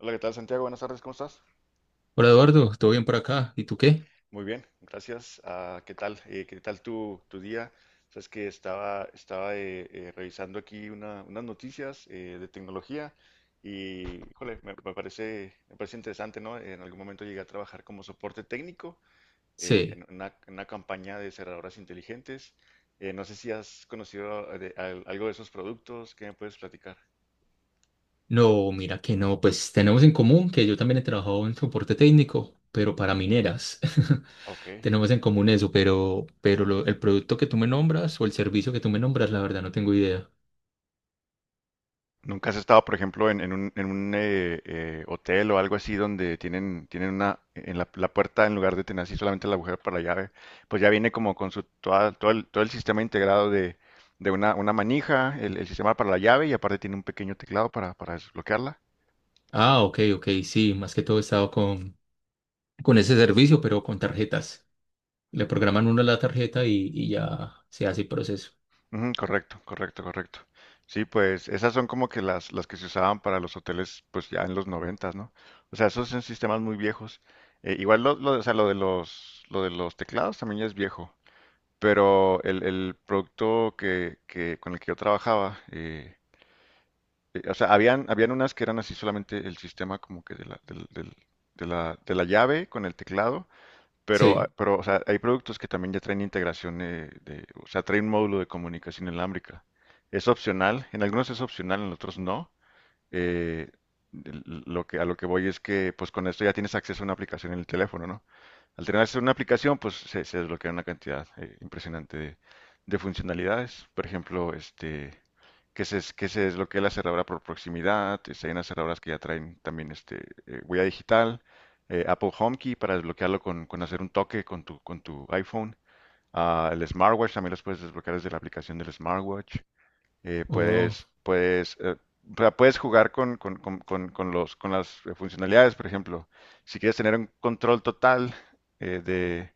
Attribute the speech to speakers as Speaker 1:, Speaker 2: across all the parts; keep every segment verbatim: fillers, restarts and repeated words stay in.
Speaker 1: Hola, ¿qué tal, Santiago? Buenas tardes, ¿cómo estás?
Speaker 2: Hola Eduardo, ¿todo bien por acá? ¿Y tú qué?
Speaker 1: Muy bien, gracias. Ah, ¿qué tal? Eh, ¿qué tal tu, tu día? Sabes que estaba, estaba eh, eh, revisando aquí una- unas noticias eh, de tecnología y, híjole, me, me parece, me parece interesante, ¿no? En algún momento llegué a trabajar como soporte técnico eh,
Speaker 2: Sí.
Speaker 1: en una, en una campaña de cerraduras inteligentes. Eh, no sé si has conocido eh, de- al- algo de esos productos. ¿Qué me puedes platicar?
Speaker 2: No, mira que no, pues tenemos en común que yo también he trabajado en soporte técnico, pero para mineras.
Speaker 1: Ok.
Speaker 2: Tenemos en común eso, pero, pero lo- el producto que tú me nombras o el servicio que tú me nombras, la verdad no tengo idea.
Speaker 1: ¿Nunca has estado, por ejemplo, en, en un, en un, eh, eh, hotel o algo así donde tienen, tienen una, en la, la puerta en lugar de tener así solamente la agujero para la llave? Pues ya viene como con su, toda- todo el, todo el sistema integrado de, de una, una manija, el, el sistema para la llave y aparte tiene un pequeño teclado para, para desbloquearla.
Speaker 2: Ah, ok, ok, sí, más que todo he estado con, con ese servicio, pero con tarjetas. Le programan uno la tarjeta y, y ya se hace el proceso.
Speaker 1: Ujú, correcto, correcto, correcto. Sí, pues esas son como que las, las que se usaban para los hoteles, pues ya en los noventas, ¿no? O sea, esos son sistemas muy viejos. Eh, igual lo, lo- o sea, lo de los, lo de los teclados también ya es viejo. Pero el, el producto que, que- con el que yo trabajaba, eh, eh, o sea, habían, habían unas que eran así solamente el sistema como que de la, del- del- de la, de la llave con el teclado, pero, ah,
Speaker 2: Sí.
Speaker 1: pero o sea, hay productos que también ya traen integración, eh, de, o sea, traen un módulo de comunicación inalámbrica. Es opcional, en algunos es opcional, en otros no. Eh, l- lo que, a lo que voy es que pues con esto ya tienes acceso a una aplicación en el teléfono, ¿no? Al tenerse una aplicación, pues se, se desbloquea una cantidad eh, impresionante de, de funcionalidades. Por ejemplo, este, que se, es- que se desbloquee la cerradura por proximidad. Este, hay unas cerraduras que ya traen también este, eh, huella digital. eh, Apple HomeKey para desbloquearlo con, con hacer un toque con tu, con tu iPhone. Ah, el smartwatch también los puedes desbloquear desde la aplicación del smartwatch. eh,
Speaker 2: Oh,
Speaker 1: puedes, puedes, eh, o sea, puedes jugar con, con- con- con- con los, con las eh, funcionalidades, por ejemplo. Si quieres tener un control total eh, de,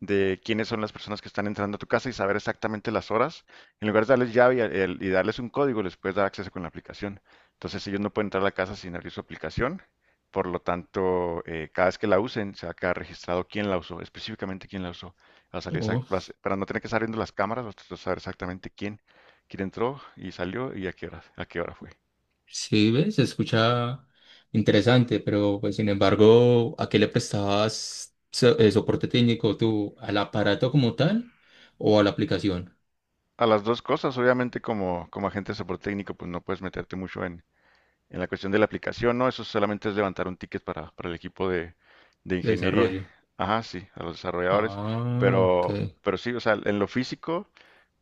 Speaker 1: de quiénes son las personas que están entrando a tu casa y saber exactamente las horas. En lugar de darles llave y, el- y darles un código, les puedes dar acceso con la aplicación. Entonces ellos no pueden entrar a la casa sin abrir su aplicación. Por lo tanto, eh, cada vez que la usen, se va a quedar registrado quién la usó, específicamente quién la usó. Va a salir exact-
Speaker 2: oh.
Speaker 1: va a ser- Para no tener que estar viendo las cámaras, vas a saber exactamente quién, quién entró y salió y a qué hora, a qué hora fue.
Speaker 2: Sí, ves, se escucha interesante, pero pues sin embargo, ¿a qué le prestabas so- eh, soporte técnico tú? ¿Al aparato como tal o a la aplicación
Speaker 1: A las dos cosas, obviamente, como, como agente de soporte técnico, pues no puedes meterte mucho en, En la cuestión de la aplicación. No, eso solamente es levantar un ticket para, para el equipo de, de
Speaker 2: de
Speaker 1: ingeniería.
Speaker 2: desarrollo?
Speaker 1: Ajá, sí, a los desarrolladores.
Speaker 2: Ah, ok.
Speaker 1: Pero, pero sí, o sea, en lo físico,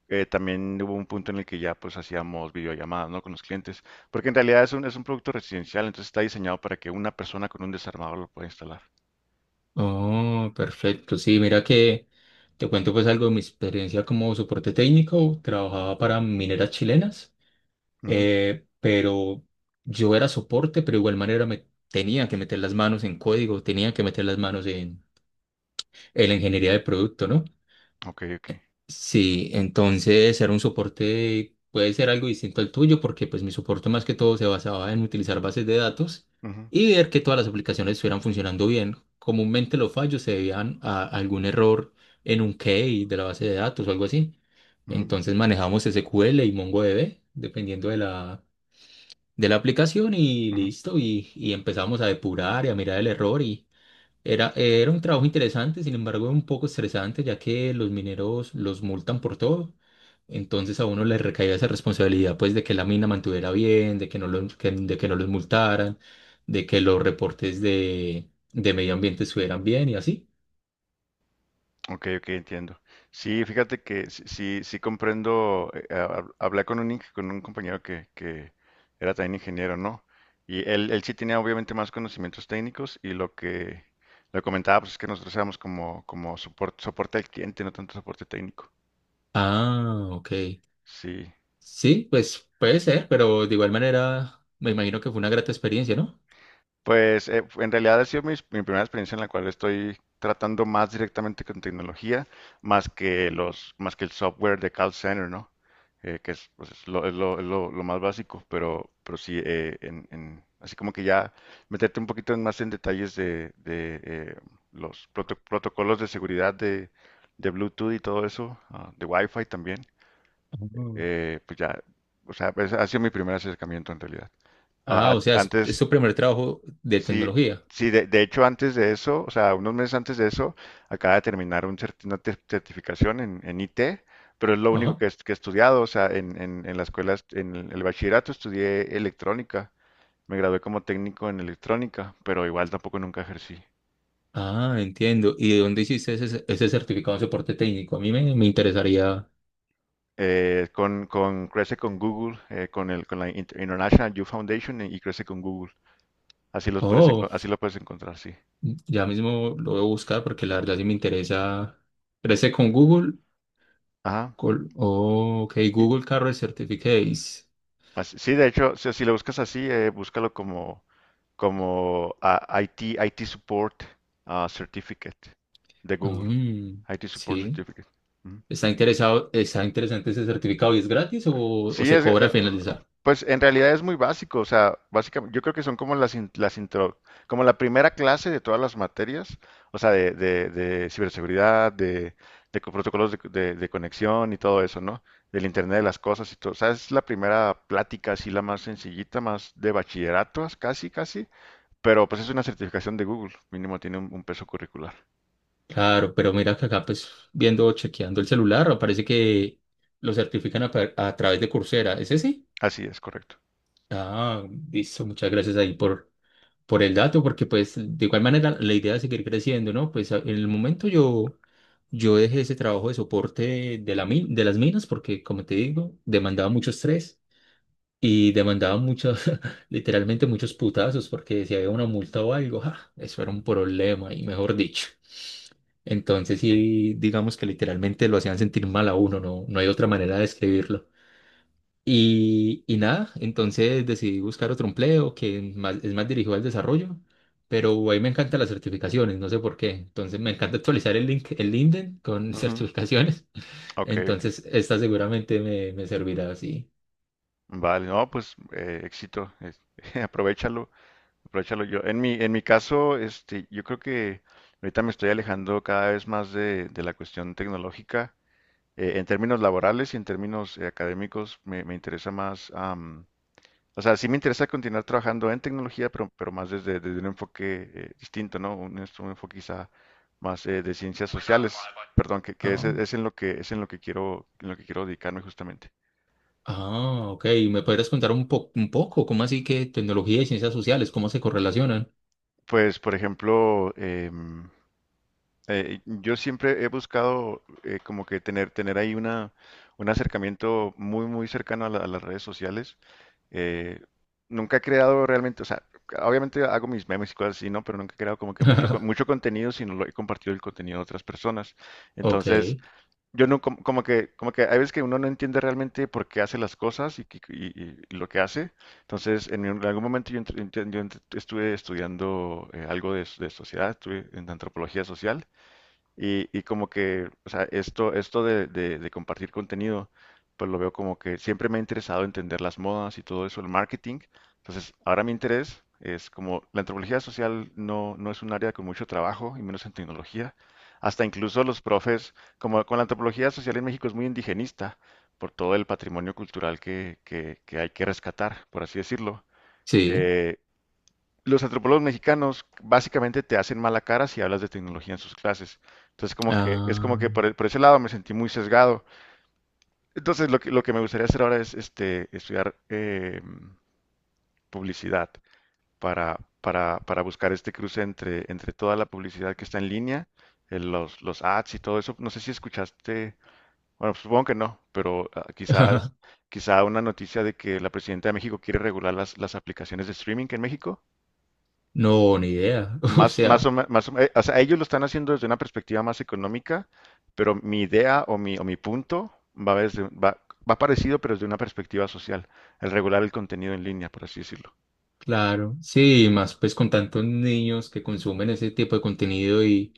Speaker 1: eh, también hubo un punto en el que ya pues hacíamos videollamadas, ¿no? Con los clientes. Porque en realidad es un, es un producto residencial, entonces está diseñado para que una persona con un desarmador lo pueda instalar.
Speaker 2: Oh, perfecto. Sí, mira que te cuento pues algo de mi experiencia como soporte técnico. Trabajaba para mineras chilenas,
Speaker 1: Ujú.
Speaker 2: eh, pero yo era soporte, pero de igual manera me tenía que meter las manos en código, tenía que meter las manos en en la ingeniería de producto, ¿no?
Speaker 1: Ok, ok.
Speaker 2: Sí, entonces era un soporte, puede ser algo distinto al tuyo, porque pues mi soporte más que todo se basaba en utilizar bases de datos
Speaker 1: Ujú,
Speaker 2: y ver que todas las aplicaciones estuvieran funcionando bien. Comúnmente los fallos se debían a algún error en un key de la base de datos o algo así.
Speaker 1: ujú,
Speaker 2: Entonces manejamos S Q L y MongoDB, dependiendo de la, de la aplicación y
Speaker 1: ujú.
Speaker 2: listo, y, y empezamos a depurar y a mirar el error y, era, eh, era un trabajo interesante, sin embargo, un poco estresante, ya que los mineros los multan por todo. Entonces a uno le recaía esa responsabilidad, pues, de que la mina mantuviera bien, de que no los, que- de que no los multaran, de que los reportes de, de medio ambiente estuvieran bien y así.
Speaker 1: Ok, ok, entiendo. Sí, fíjate que sí, sí, sí comprendo. Eh, hab- hablé con un, ing- con un compañero que, que era también ingeniero, ¿no? Y él, él sí tenía obviamente más conocimientos técnicos y lo que le comentaba pues, es que nosotros éramos como, como soporte, soporte al cliente, no tanto soporte técnico.
Speaker 2: Ah, ok.
Speaker 1: Sí.
Speaker 2: Sí, pues puede ser, pero de igual manera me imagino que fue una grata experiencia, ¿no?
Speaker 1: Pues eh, en realidad ha sido mis- mi, primera experiencia en la cual estoy tratando más directamente con tecnología, más que los, más que el software de call center, ¿no? Eh, que es, pues, es lo, es lo- es lo- lo más básico, pero, pero sí, eh, en, en- así como que ya meterte un poquito en- más en detalles de, de, eh, los proto- protocolos de seguridad de, de Bluetooth y todo eso, ah, de Wi-Fi también,
Speaker 2: Ujú.
Speaker 1: eh, pues ya, o sea, pues, ha sido mi primer acercamiento en realidad. Ah,
Speaker 2: Ah, o sea,
Speaker 1: a-
Speaker 2: es, es
Speaker 1: antes,
Speaker 2: su primer trabajo de
Speaker 1: sí,
Speaker 2: tecnología.
Speaker 1: sí, de, de hecho antes de eso, o sea, unos meses antes de eso, acaba de terminar un certi- una te- certificación en, en I T, pero es lo único
Speaker 2: Ajá.
Speaker 1: que, est- que he estudiado, o sea, en, en, en la escuela, est- en el, el bachillerato estudié electrónica, me gradué como técnico en electrónica, pero igual tampoco nunca ejercí.
Speaker 2: Ah, entiendo. ¿Y de dónde hiciste ese, ese certificado de soporte técnico? A mí me, me interesaría.
Speaker 1: Eh, con, con, crece con Google, eh, con el, con la Inter- International Youth Foundation y, y crece con Google. Así los puedes, enco-
Speaker 2: Oh,
Speaker 1: así lo puedes encontrar, sí.
Speaker 2: ya mismo lo voy a buscar porque la verdad sí me interesa. ¿Crece con Google?
Speaker 1: Ajá.
Speaker 2: Col- Oh, ok,
Speaker 1: Y- y- y-
Speaker 2: Google Career Certificates.
Speaker 1: así- sí, de hecho, si, si lo buscas así, eh, búscalo como como ah, I T, I T Support, ah, Certificate de Google.
Speaker 2: Mm,
Speaker 1: I T Support
Speaker 2: sí.
Speaker 1: Certificate. Ujú.
Speaker 2: ¿Está interesado, está interesante ese certificado y es gratis o, o
Speaker 1: Sí,
Speaker 2: se
Speaker 1: es,
Speaker 2: cobra
Speaker 1: eh,
Speaker 2: al finalizar?
Speaker 1: pues en realidad es muy básico, o sea, básicamente, yo creo que son como las, in- las intro, como la primera clase de todas las materias, o sea, de, de, de ciberseguridad, de, de co- protocolos de, de- de conexión y todo eso, ¿no? Del Internet de las cosas y todo, o sea, es la primera plática así, la más sencillita, más de bachilleratos, casi, casi. Pero pues es una certificación de Google, mínimo tiene un, un peso curricular.
Speaker 2: Claro, pero mira que acá pues viendo, chequeando el celular, parece que lo certifican a, par- a través de Coursera. ¿Es ese?
Speaker 1: Así es, correcto.
Speaker 2: Ah, listo, muchas gracias ahí por por el dato, porque pues de igual manera la idea es seguir creciendo, ¿no? Pues a- en el momento yo, yo dejé ese trabajo de soporte de, la min- de las minas porque, como te digo, demandaba mucho estrés y demandaba muchos, literalmente muchos putazos, porque si había una multa o algo, ¡ja! Eso era un problema y mejor dicho. Entonces sí, digamos que literalmente lo hacían sentir mal a uno, no, no hay otra manera de describirlo. Y, y nada, entonces decidí buscar otro empleo que más- es más dirigido al desarrollo, pero ahí me encantan las certificaciones, no sé por qué. Entonces me encanta actualizar el link, el LinkedIn con
Speaker 1: Ujú.
Speaker 2: certificaciones.
Speaker 1: Ok, ok.
Speaker 2: Entonces esta seguramente me, me servirá así.
Speaker 1: Vale, no, pues eh, éxito, es- aprovechalo, aprovechalo yo. En mi, en mi caso, este, yo creo que ahorita me estoy alejando cada vez más de, de la cuestión tecnológica. Eh, en términos laborales y en términos eh, académicos me, me interesa más, o sea, sí me interesa continuar trabajando en tecnología, pero, pero más desde, desde un enfoque eh, distinto, ¿no? Un, es- un enfoque quizá más eh, de ciencias sociales, perdón, que, que es,
Speaker 2: Ah,
Speaker 1: es en lo que es en lo que quiero, en lo que quiero dedicarme justamente.
Speaker 2: ah, ok. ¿Me podrías contar un po- un poco cómo así que tecnología y ciencias sociales, cómo se correlacionan?
Speaker 1: Pues, por ejemplo, em, eh, yo siempre he buscado eh, como que tener, tener ahí una, un acercamiento muy, muy cercano a la- a las redes sociales. Eh, Nunca he creado realmente, o sea, obviamente hago mis memes y cosas así, ¿no? Pero nunca he creado como que mucho, con- mucho contenido, sino lo he compartido el contenido de otras personas.
Speaker 2: Ok,
Speaker 1: Entonces, yo no, como, como que, como que hay veces que uno no entiende realmente por qué hace las cosas y, que- y- y- y lo que hace. Entonces, en, un- en algún momento yo, ent- ent- yo ent- estuve estudiando eh, algo de, de sociedad, estuve en antropología social. Y, y como que, o sea, esto, esto de, de- de compartir contenido, pues lo veo como que siempre me ha interesado entender las modas y todo eso, el marketing. Entonces, ahora mi interés es como la antropología social no, no es un área con mucho trabajo, y menos en tecnología. Hasta incluso los profes, como con la antropología social en México es muy indigenista por todo el patrimonio cultural que, que, que hay que rescatar, por así decirlo.
Speaker 2: sí.
Speaker 1: Eh, los antropólogos mexicanos básicamente te hacen mala cara si hablas de tecnología en sus clases. Entonces, como que, es como que
Speaker 2: Ah,
Speaker 1: por, e- por ese lado me sentí muy sesgado. Entonces, lo que, lo que me gustaría hacer ahora es este, estudiar eh, publicidad para, para, para buscar este cruce entre, entre toda la publicidad que está en línea, eh, los, los ads y todo eso. No sé si escuchaste, bueno, pues, supongo que no, pero ah, quizás, quizá una noticia de que la presidenta de México quiere regular las, las aplicaciones de streaming en México.
Speaker 2: no, ni idea. O
Speaker 1: Más, más
Speaker 2: sea.
Speaker 1: o me- más o me- o sea, ellos lo están haciendo desde una perspectiva más económica, pero mi idea o mi, o mi punto va, desde, va, va parecido, pero desde una perspectiva social, el regular el contenido en línea, por así decirlo.
Speaker 2: Claro, sí, y más pues con tantos niños que consumen ese tipo de contenido y,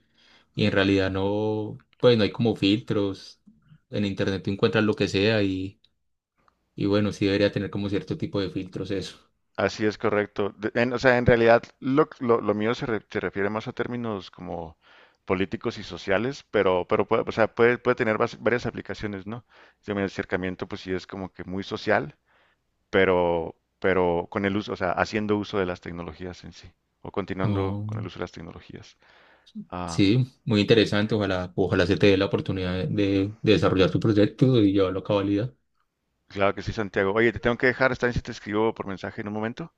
Speaker 2: y en realidad no, pues no hay como filtros, en internet tú encuentras lo que sea y, y bueno, sí debería tener como cierto tipo de filtros eso.
Speaker 1: Así es, correcto. De- en- o sea, en realidad lo, lo- lo mío se, re- se refiere más a términos como políticos y sociales, pero, pero puede, o sea, puede, puede tener vas- varias aplicaciones, ¿no? Yo, mi acercamiento, pues sí es como que muy social, pero, pero con el uso, o sea, haciendo uso de las tecnologías en sí, o continuando
Speaker 2: Oh,
Speaker 1: con el uso de las tecnologías. Ah,
Speaker 2: sí, muy interesante, ojalá, ojalá se te dé la oportunidad de, de desarrollar tu proyecto y llevarlo a cabalidad.
Speaker 1: claro que sí, Santiago. Oye, te tengo que dejar, está bien si te escribo por mensaje en un momento.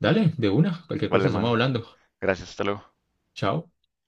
Speaker 2: Dale, de una, cualquier cosa
Speaker 1: Vale,
Speaker 2: estamos
Speaker 1: mano.
Speaker 2: hablando.
Speaker 1: Gracias, hasta luego.
Speaker 2: Chao.